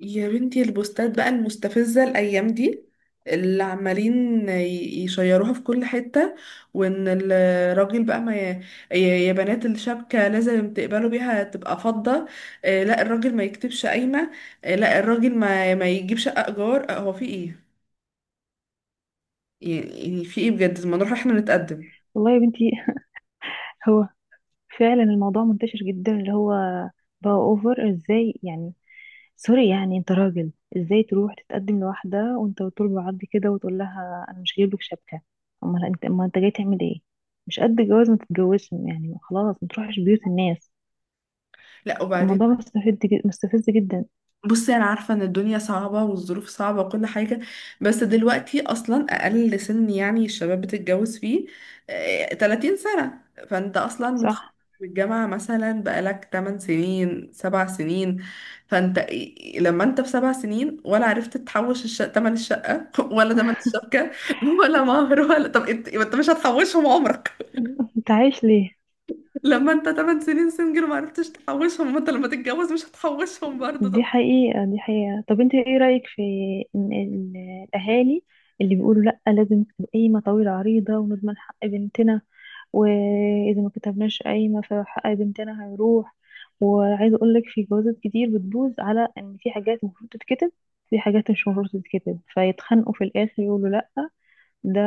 يا بنتي البوستات بقى المستفزة الأيام دي اللي عمالين يشيروها في كل حتة وإن الراجل بقى ما ي... يا بنات الشبكة لازم تقبلوا بيها تبقى فضة. لا، الراجل ما يكتبش قايمة. لا، الراجل ما يجيب شقة إيجار. هو في إيه؟ يعني في إيه بجد ما نروح إحنا نتقدم؟ والله يا بنتي، هو فعلا الموضوع منتشر جدا. اللي هو بقى اوفر ازاي يعني؟ سوري يعني انت راجل، ازاي تروح تتقدم لواحدة وانت طول بعض كده وتقول لها انا مش جايب لك شبكة؟ امال انت، امال انت جاي تعمل ايه؟ مش قد الجواز ما تتجوزش يعني، خلاص ما تروحش بيوت الناس. لا، وبعدين الموضوع مستفز، جد مستفز جدا. بصي، انا عارفه ان الدنيا صعبه والظروف صعبه وكل حاجه، بس دلوقتي اصلا اقل سن يعني الشباب بتتجوز فيه 30 سنه. فانت اصلا متخرج صح. من الجامعه مثلا بقالك 8 سنين، 7 سنين. فانت لما انت في 7 سنين ولا عرفت تحوش تمن الشقه ولا تمن الشبكه ولا مهر ولا، طب انت، انت مش هتحوشهم عمرك. انت عايش ليه؟ لما انت 8 سنين سنجل ما عرفتش تحوشهم، ما انت لما تتجوز مش هتحوشهم برضه. دي طب حقيقة، دي حقيقة. طب انت ايه رأيك في ان ال- الاهالي اللي بيقولوا لا لازم تبقى قايمة طويلة عريضة ونضمن حق بنتنا، واذا ما كتبناش قايمة فحق بنتنا هيروح؟ وعايزة اقول لك في جوازات كتير بتبوظ على ان في حاجات المفروض تتكتب، في حاجات مش المفروض تتكتب، فيتخانقوا في الاخر يقولوا لا، ده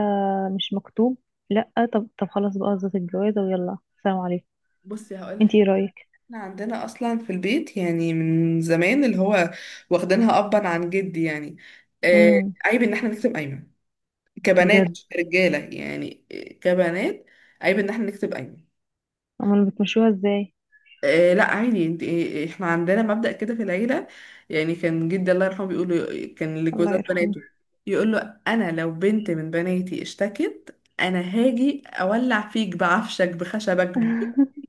مش مكتوب. لا، طب طب خلاص بقى قصة الجوازة ويلا، سلام عليكم. بصي انت هقولك، ايه رأيك؟ احنا عندنا اصلا في البيت يعني من زمان اللي هو واخدينها ابا عن جدي يعني. آه، امم عيب ان احنا نكتب ايمن، كبنات بجد؟ مش كرجاله، يعني كبنات، عيب ان احنا نكتب ايمن. امال بتمشوها ازاي؟ آه، لا عادي انت، احنا عندنا مبدأ كده في العيله. يعني كان جدي الله يرحمه كان الله لجوزات يرحمه. بناته يقول له انا لو بنت من بناتي اشتكت، انا هاجي اولع فيك بعفشك بخشبك،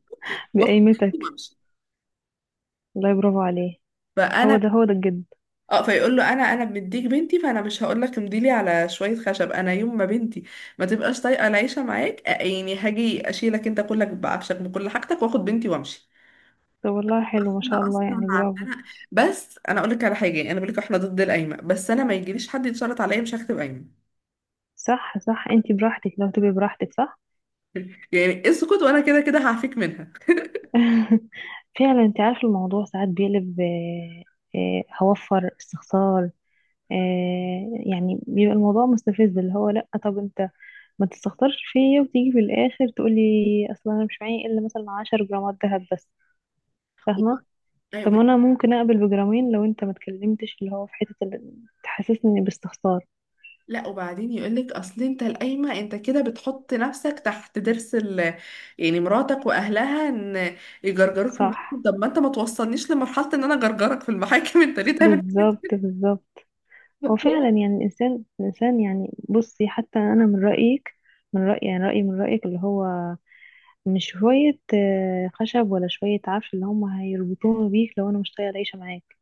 واخد بنتي بقيمتك. وامشي. والله برافو عليه، هو فانا ده هو ده الجد. اه، فيقول له انا، انا مديك بنتي، فانا مش هقول لك امضيلي على شويه خشب. انا يوم ما بنتي ما تبقاش طايقه العيشه معاك، يعني هاجي اشيلك انت كلك بعفشك بكل حاجتك، واخد بنتي وامشي. طب والله حلو ما شاء احنا الله اصلا يعني، برافو. عندنا، بس انا اقول لك على حاجه، يعني انا بقول لك احنا ضد القايمه، بس انا ما يجيليش حد يتشرط عليا مش هكتب قايمه. صح صح، انت براحتك، لو تبقي براحتك، صح. يعني اسكت وانا كده كده هعفيك منها. فعلا. انت عارف الموضوع ساعات بيقلب، هوفر استخسار. آه، يعني بيبقى الموضوع مستفز، اللي هو لا طب انت ما تستخسرش فيا وتيجي في الاخر تقولي اصلا انا مش معايا الا مثلا 10 جرامات دهب بس، فاهمه؟ طب انا ممكن اقبل بجرامين لو انت ما اتكلمتش، اللي هو في حته اللي تحسسني باستخسار. لا وبعدين يقولك اصل انت القايمه انت كده بتحط نفسك تحت ضرس ال... يعني مراتك واهلها ان يجرجروك في صح، المحاكم. طب ما انت ما توصلنيش لمرحله ان انا جرجرك في المحاكم انت ليه تعمل كده؟ بالظبط بالظبط. هو فعلا يعني الإنسان الإنسان، يعني بصي حتى أنا من رأيك، من رأيي، يعني رأيي من رأيك، اللي هو مش شوية آه، خشب ولا شوية عفش اللي هم هيربطوني بيك لو أنا مش طايقة العيشة معاك.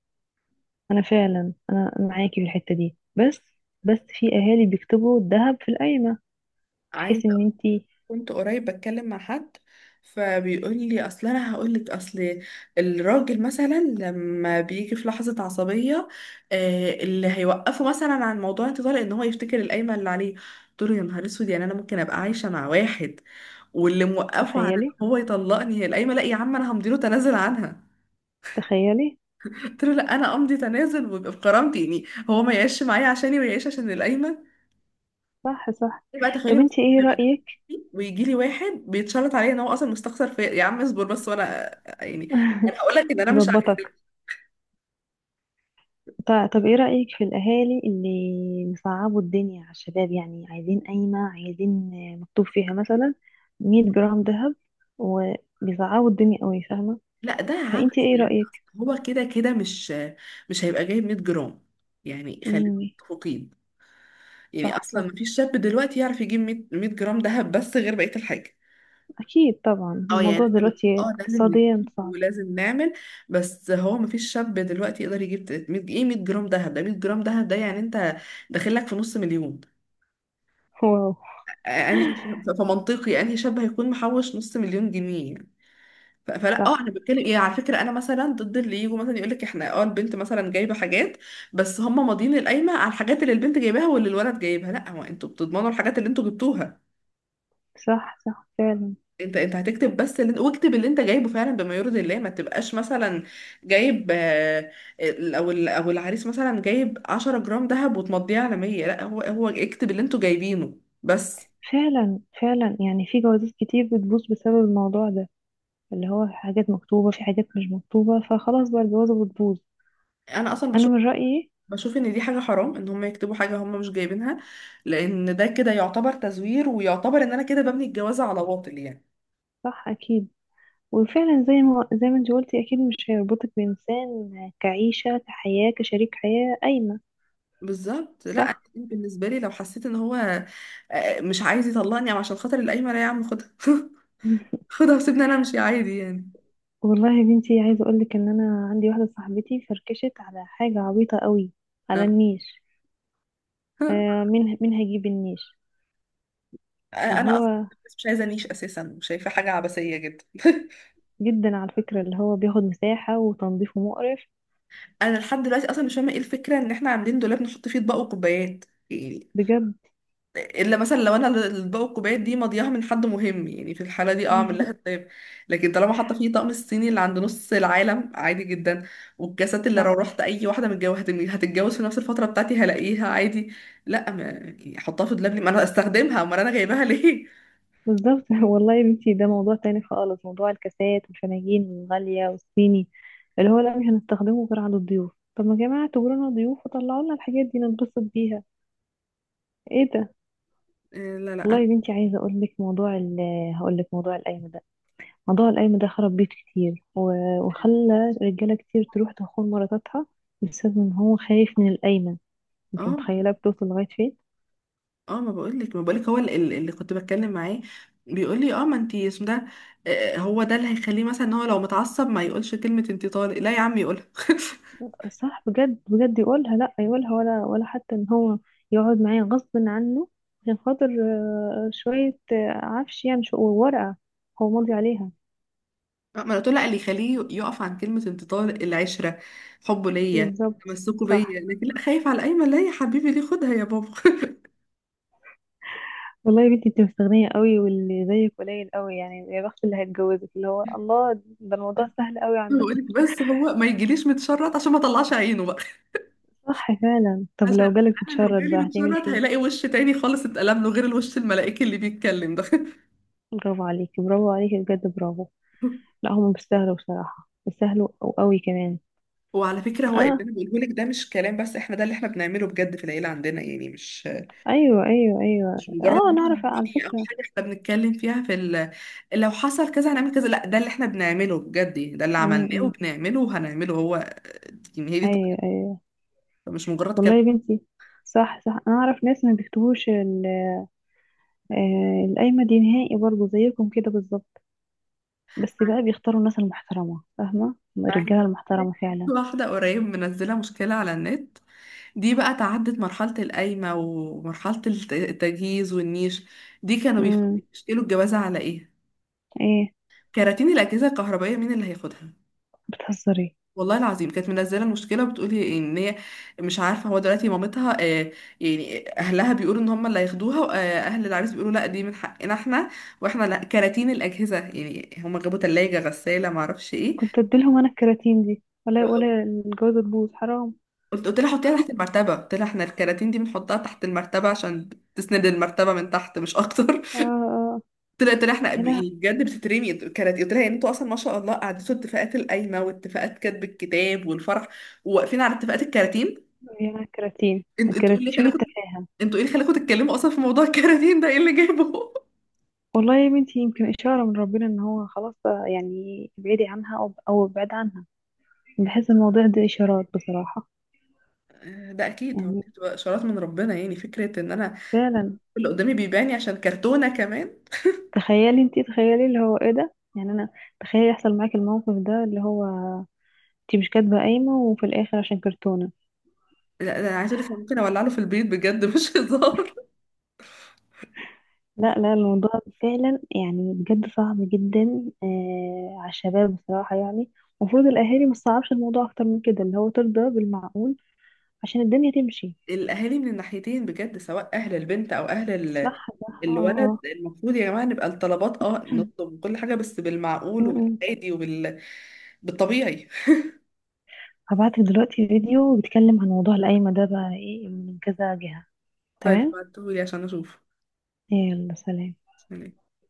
أنا فعلا أنا معاكي في الحتة دي، بس بس في أهالي بيكتبوا الذهب في القايمة عايز، بحيث إن أنتي… كنت قريب بتكلم مع حد فبيقول لي اصل انا هقول لك اصل الراجل مثلا لما بيجي في لحظه عصبيه، آه، اللي هيوقفه مثلا عن موضوع انتظار ان هو يفتكر القايمه اللي عليه. قلت له يا نهار اسود، يعني انا ممكن ابقى عايشه مع واحد واللي موقفه عن ان تخيلي، هو يطلقني هي القايمه؟ لا يا عم، انا همضي له تنازل عنها. تخيلي. قلت له لا انا امضي تنازل ويبقى بكرامتي، يعني هو ما يعيش معايا عشاني ويعيش عشان القايمه. صح صح. بقى تخيلي طب مثلا أنتي إيه يبقى أنا رأيك؟ ويجي لي واحد بيتشلط عليا ان هو اصلا مستخسر في، يا عم اصبر بس وانا يعني، انا هقول لك ان انا مش عارفه. هظبطك. طب ايه رأيك في الأهالي اللي مصعبوا الدنيا على الشباب؟ يعني عايزين قايمة، عايزين آه، مكتوب فيها مثلا 100 جرام ذهب، وبيصعبوا الدنيا قوي، فاهمة؟ لا ده فانتي عبث ايه بجد أصلاً. رأيك؟ هو كده كده مش مش هيبقى جايب 100 جرام، يعني خلينا امم متفقين. يعني صح اصلا صح. مفيش شاب دلوقتي يعرف يجيب 100 جرام دهب بس غير بقيه الحاجه. أكيد طبعا اه يعني الموضوع احنا بنقول دلوقتي اه لازم نجيب اقتصاديا صعب. ولازم نعمل، بس هو مفيش شاب دلوقتي يقدر يجيب 300 ايه 100 جرام دهب ده، 100 جرام دهب ده يعني انت داخل لك في نص مليون. واو. انهي فمنطقي انهي شاب هيكون محوش نص مليون جنيه يعني. فلا اه انا صح بتكلم ايه على فكره، انا مثلا ضد اللي يجوا مثلا يقول لك احنا اه البنت مثلا جايبه حاجات، بس هم ماضيين القايمه على الحاجات اللي البنت جايباها واللي الولد جايبها. لا، هو انتوا بتضمنوا الحاجات اللي انتوا جبتوها. صح. صح فعلا. انت انت هتكتب بس اللي انت، واكتب اللي انت جايبه فعلا بما يرضي الله. ما تبقاش مثلا جايب ال- او ال- او العريس مثلا جايب 10 جرام ذهب وتمضيه على 100. لا، هو، هو اكتب اللي انتوا جايبينه بس. فعلا فعلا يعني في جوازات كتير بتبوظ بسبب الموضوع ده، اللي هو في حاجات مكتوبة، في حاجات مش مكتوبة، فخلاص بقى الجوازة بتبوظ. انا اصلا أنا من رأيي. بشوف ان دي حاجة حرام ان هم يكتبوا حاجة هم مش جايبينها، لان ده كده يعتبر تزوير ويعتبر ان انا كده ببني الجوازة على باطل يعني. صح أكيد. وفعلا زي ما زي ما انت قلتي، اكيد مش هيربطك بانسان كعيشه كحياه كشريك حياه قايمه. بالظبط، لا صح. بالنسبة لي لو حسيت ان هو مش عايز يطلقني او عشان خاطر القايمة، لا يا عم خدها خدها وسيبني انا امشي عادي يعني. والله يا بنتي، عايزه اقول لك ان انا عندي واحده صاحبتي فركشت على حاجه عبيطه قوي، على آه. النيش. آه مين مين هيجيب النيش؟ اللي انا اصلا هو مش عايزة نيش اساسا، شايفة حاجة عبثية جدا جدا على فكره، اللي هو بياخد مساحه وتنظيفه مقرف. انا لحد دلوقتي اصلا مش فاهمة ايه الفكرة ان احنا عاملين دولاب نحط فيه اطباق وكوبايات؟ يعني بجد. الا مثلا لو انا الاطباق والكوبايات دي مضيعه من حد مهم، يعني في الحاله دي اه اعمل لها حساب، لكن طالما حاطه فيه طقم الصيني اللي عند نص العالم عادي جدا، والكاسات اللي لو صح، رحت اي واحده متجوزه هتتجوز في نفس الفتره بتاعتي هلاقيها عادي. لا ما يعني احطها في دولاب ليه؟ ما انا استخدمها، امال انا جايباها ليه؟ بالظبط. والله يا بنتي، ده موضوع تاني خالص، موضوع الكاسات والفناجين الغالية والصيني، اللي هو لا مش هنستخدمه غير على الضيوف. طب ما يا جماعة اعتبرونا ضيوف وطلعوا لنا الحاجات دي ننبسط بيها. ايه ده؟ لا والله انا يا بنتي عايزة اقول لك موضوع ال هقول لك موضوع القايمة ده. موضوع القايمة ده خرب بيت كتير، وخلى رجالة كتير تروح تخون مراتاتها بسبب ان هو خايف من القايمة. انت اه متخيلة بتوصل لغاية فين؟ اه ما بقولك، ما بقولك هو اللي كنت بتكلم معاه بيقول لي اه ما انتي اسم ده. هو ده اللي هيخليه مثلا ان هو لو متعصب ما يقولش كلمه انتي طالق. لا يا عم يقولها صح بجد، بجد يقولها لا، يقولها ولا ولا حتى ان هو يقعد معايا غصب عنه عشان خاطر آه، شوية آه، عفش، يعني شو ورقة هو ماضي عليها. ما انا قلت له لا، اللي يخليه يقف عن كلمة انتظار العشرة، حبه ليا، بالظبط، تمسكه صح. بيا، لكن لا خايف على ايمن؟ لا يا حبيبي ليه، خدها يا بابا والله يا بنتي، انت مستغنية قوي، واللي زيك قليل قوي يعني. يا بخت اللي هيتجوزك، اللي هو الله، ده الموضوع سهل قوي عندهم. بقولك بس هو ما يجيليش متشرط عشان ما طلعش عينه بقى صح فعلا. طب لو عشان جالك انا لو متشرد جالي بقى هتعملي متشرط فيه؟ هيلاقي وش تاني خالص اتقلب له غير الوش الملائكي اللي بيتكلم ده برافو عليكي، برافو عليكي، بجد برافو. لا هم بيستاهلوا بصراحة، بيستاهلوا قوي كمان. وعلى فكرة هو اللي اه انا بقوله لك ده مش كلام بس، احنا ده اللي احنا بنعمله بجد في العيلة عندنا يعني. ايوه ايوه ايوه، مش مجرد اه انا اعرف مثلا على رأي أو فكره. حاجة احنا بنتكلم فيها في ال... لو حصل كذا هنعمل كذا. لا، ده اللي احنا بنعمله بجد يعني، ده اللي امم، عملناه إمم. وبنعمله وهنعمله هو يعني. هي دي طريقة، ايوه ايوه. مش مجرد كلام. والله يا بنتي. صح صح، انا اعرف ناس ما بيكتبوش آه، القايمه دي نهائي، برضه زيكم كده بالظبط، بس بقى بيختاروا الناس المحترمه، فاهمه، عايزة الرجاله أقول لك، المحترمه فعلا. واحدة قريب منزلة مشكلة على النت، دي بقى تعدت مرحلة القايمة ومرحلة التجهيز والنيش. دي كانوا امم. بيشكلوا الجوازة على ايه؟ ايه؟ كراتين الأجهزة الكهربائية مين اللي هياخدها؟ بتهزري؟ والله العظيم كانت منزله المشكله وبتقولي ان هي مش عارفه هو دلوقتي مامتها، يعني اهلها بيقولوا ان هم اللي هياخدوها واهل العريس بيقولوا لا دي من حقنا احنا، واحنا لا كراتين الاجهزه، يعني هم جابوا ثلاجه غساله ما اعرفش ايه. كنت اديلهم انا الكراتين دي ولا ولا الجوازه تبوظ، حرام. قلت لها حطيها تحت المرتبه، قلت لها احنا الكراتين دي بنحطها تحت المرتبه عشان تسند المرتبه من تحت مش اكتر اه اه آه. قلت لها، قلت لها احنا يا لهوي، يعني بجد بتترمي كراتين. قلت لها يعني انتوا اصلا ما شاء الله قعدتوا اتفاقات القايمه واتفاقات كتب الكتاب والفرح وواقفين على اتفاقات الكراتين؟ يا الكراتين، انت تقول الكراتين، لي، شوفي التفاهه. انتوا ايه اللي خلاكم تتكلموا اصلا في موضوع الكراتين ده؟ ايه اللي جايبه؟ والله يا بنتي يمكن إشارة من ربنا إن هو خلاص بقى، يعني ابعدي عنها أو ابعد عنها. بحس الموضوع ده إشارات بصراحة. ده اكيد هو يعني دي بتبقى اشارات من ربنا، يعني فكره ان انا فعلا. اللي قدامي بيباني عشان كرتونه كمان. تخيلي انتي، تخيلي اللي هو إيه ده، يعني أنا تخيلي يحصل معاكي الموقف ده، اللي هو انتي مش كاتبة قايمة وفي الآخر عشان كرتونة. لا ده انا عايزه اقول لك أنا ممكن اولع له في البيت بجد مش هزار. لا، الموضوع فعلا يعني بجد صعب جدا آه على الشباب بصراحة يعني. المفروض الأهالي ما تصعبش الموضوع أكتر من كده، اللي هو ترضى بالمعقول عشان الدنيا تمشي. الاهالي من الناحيتين بجد، سواء اهل البنت او اهل ال... صح صح اه. الولد، المفروض يا جماعه نبقى الطلبات اه نطلب كل حاجه بس بالمعقول آه. وبالعادي بالطبيعي هبعتلك دلوقتي فيديو بيتكلم عن موضوع القايمة ده بقى ايه من كذا جهة. طيب تمام، بعتهولي عشان اشوف. يلا سلام.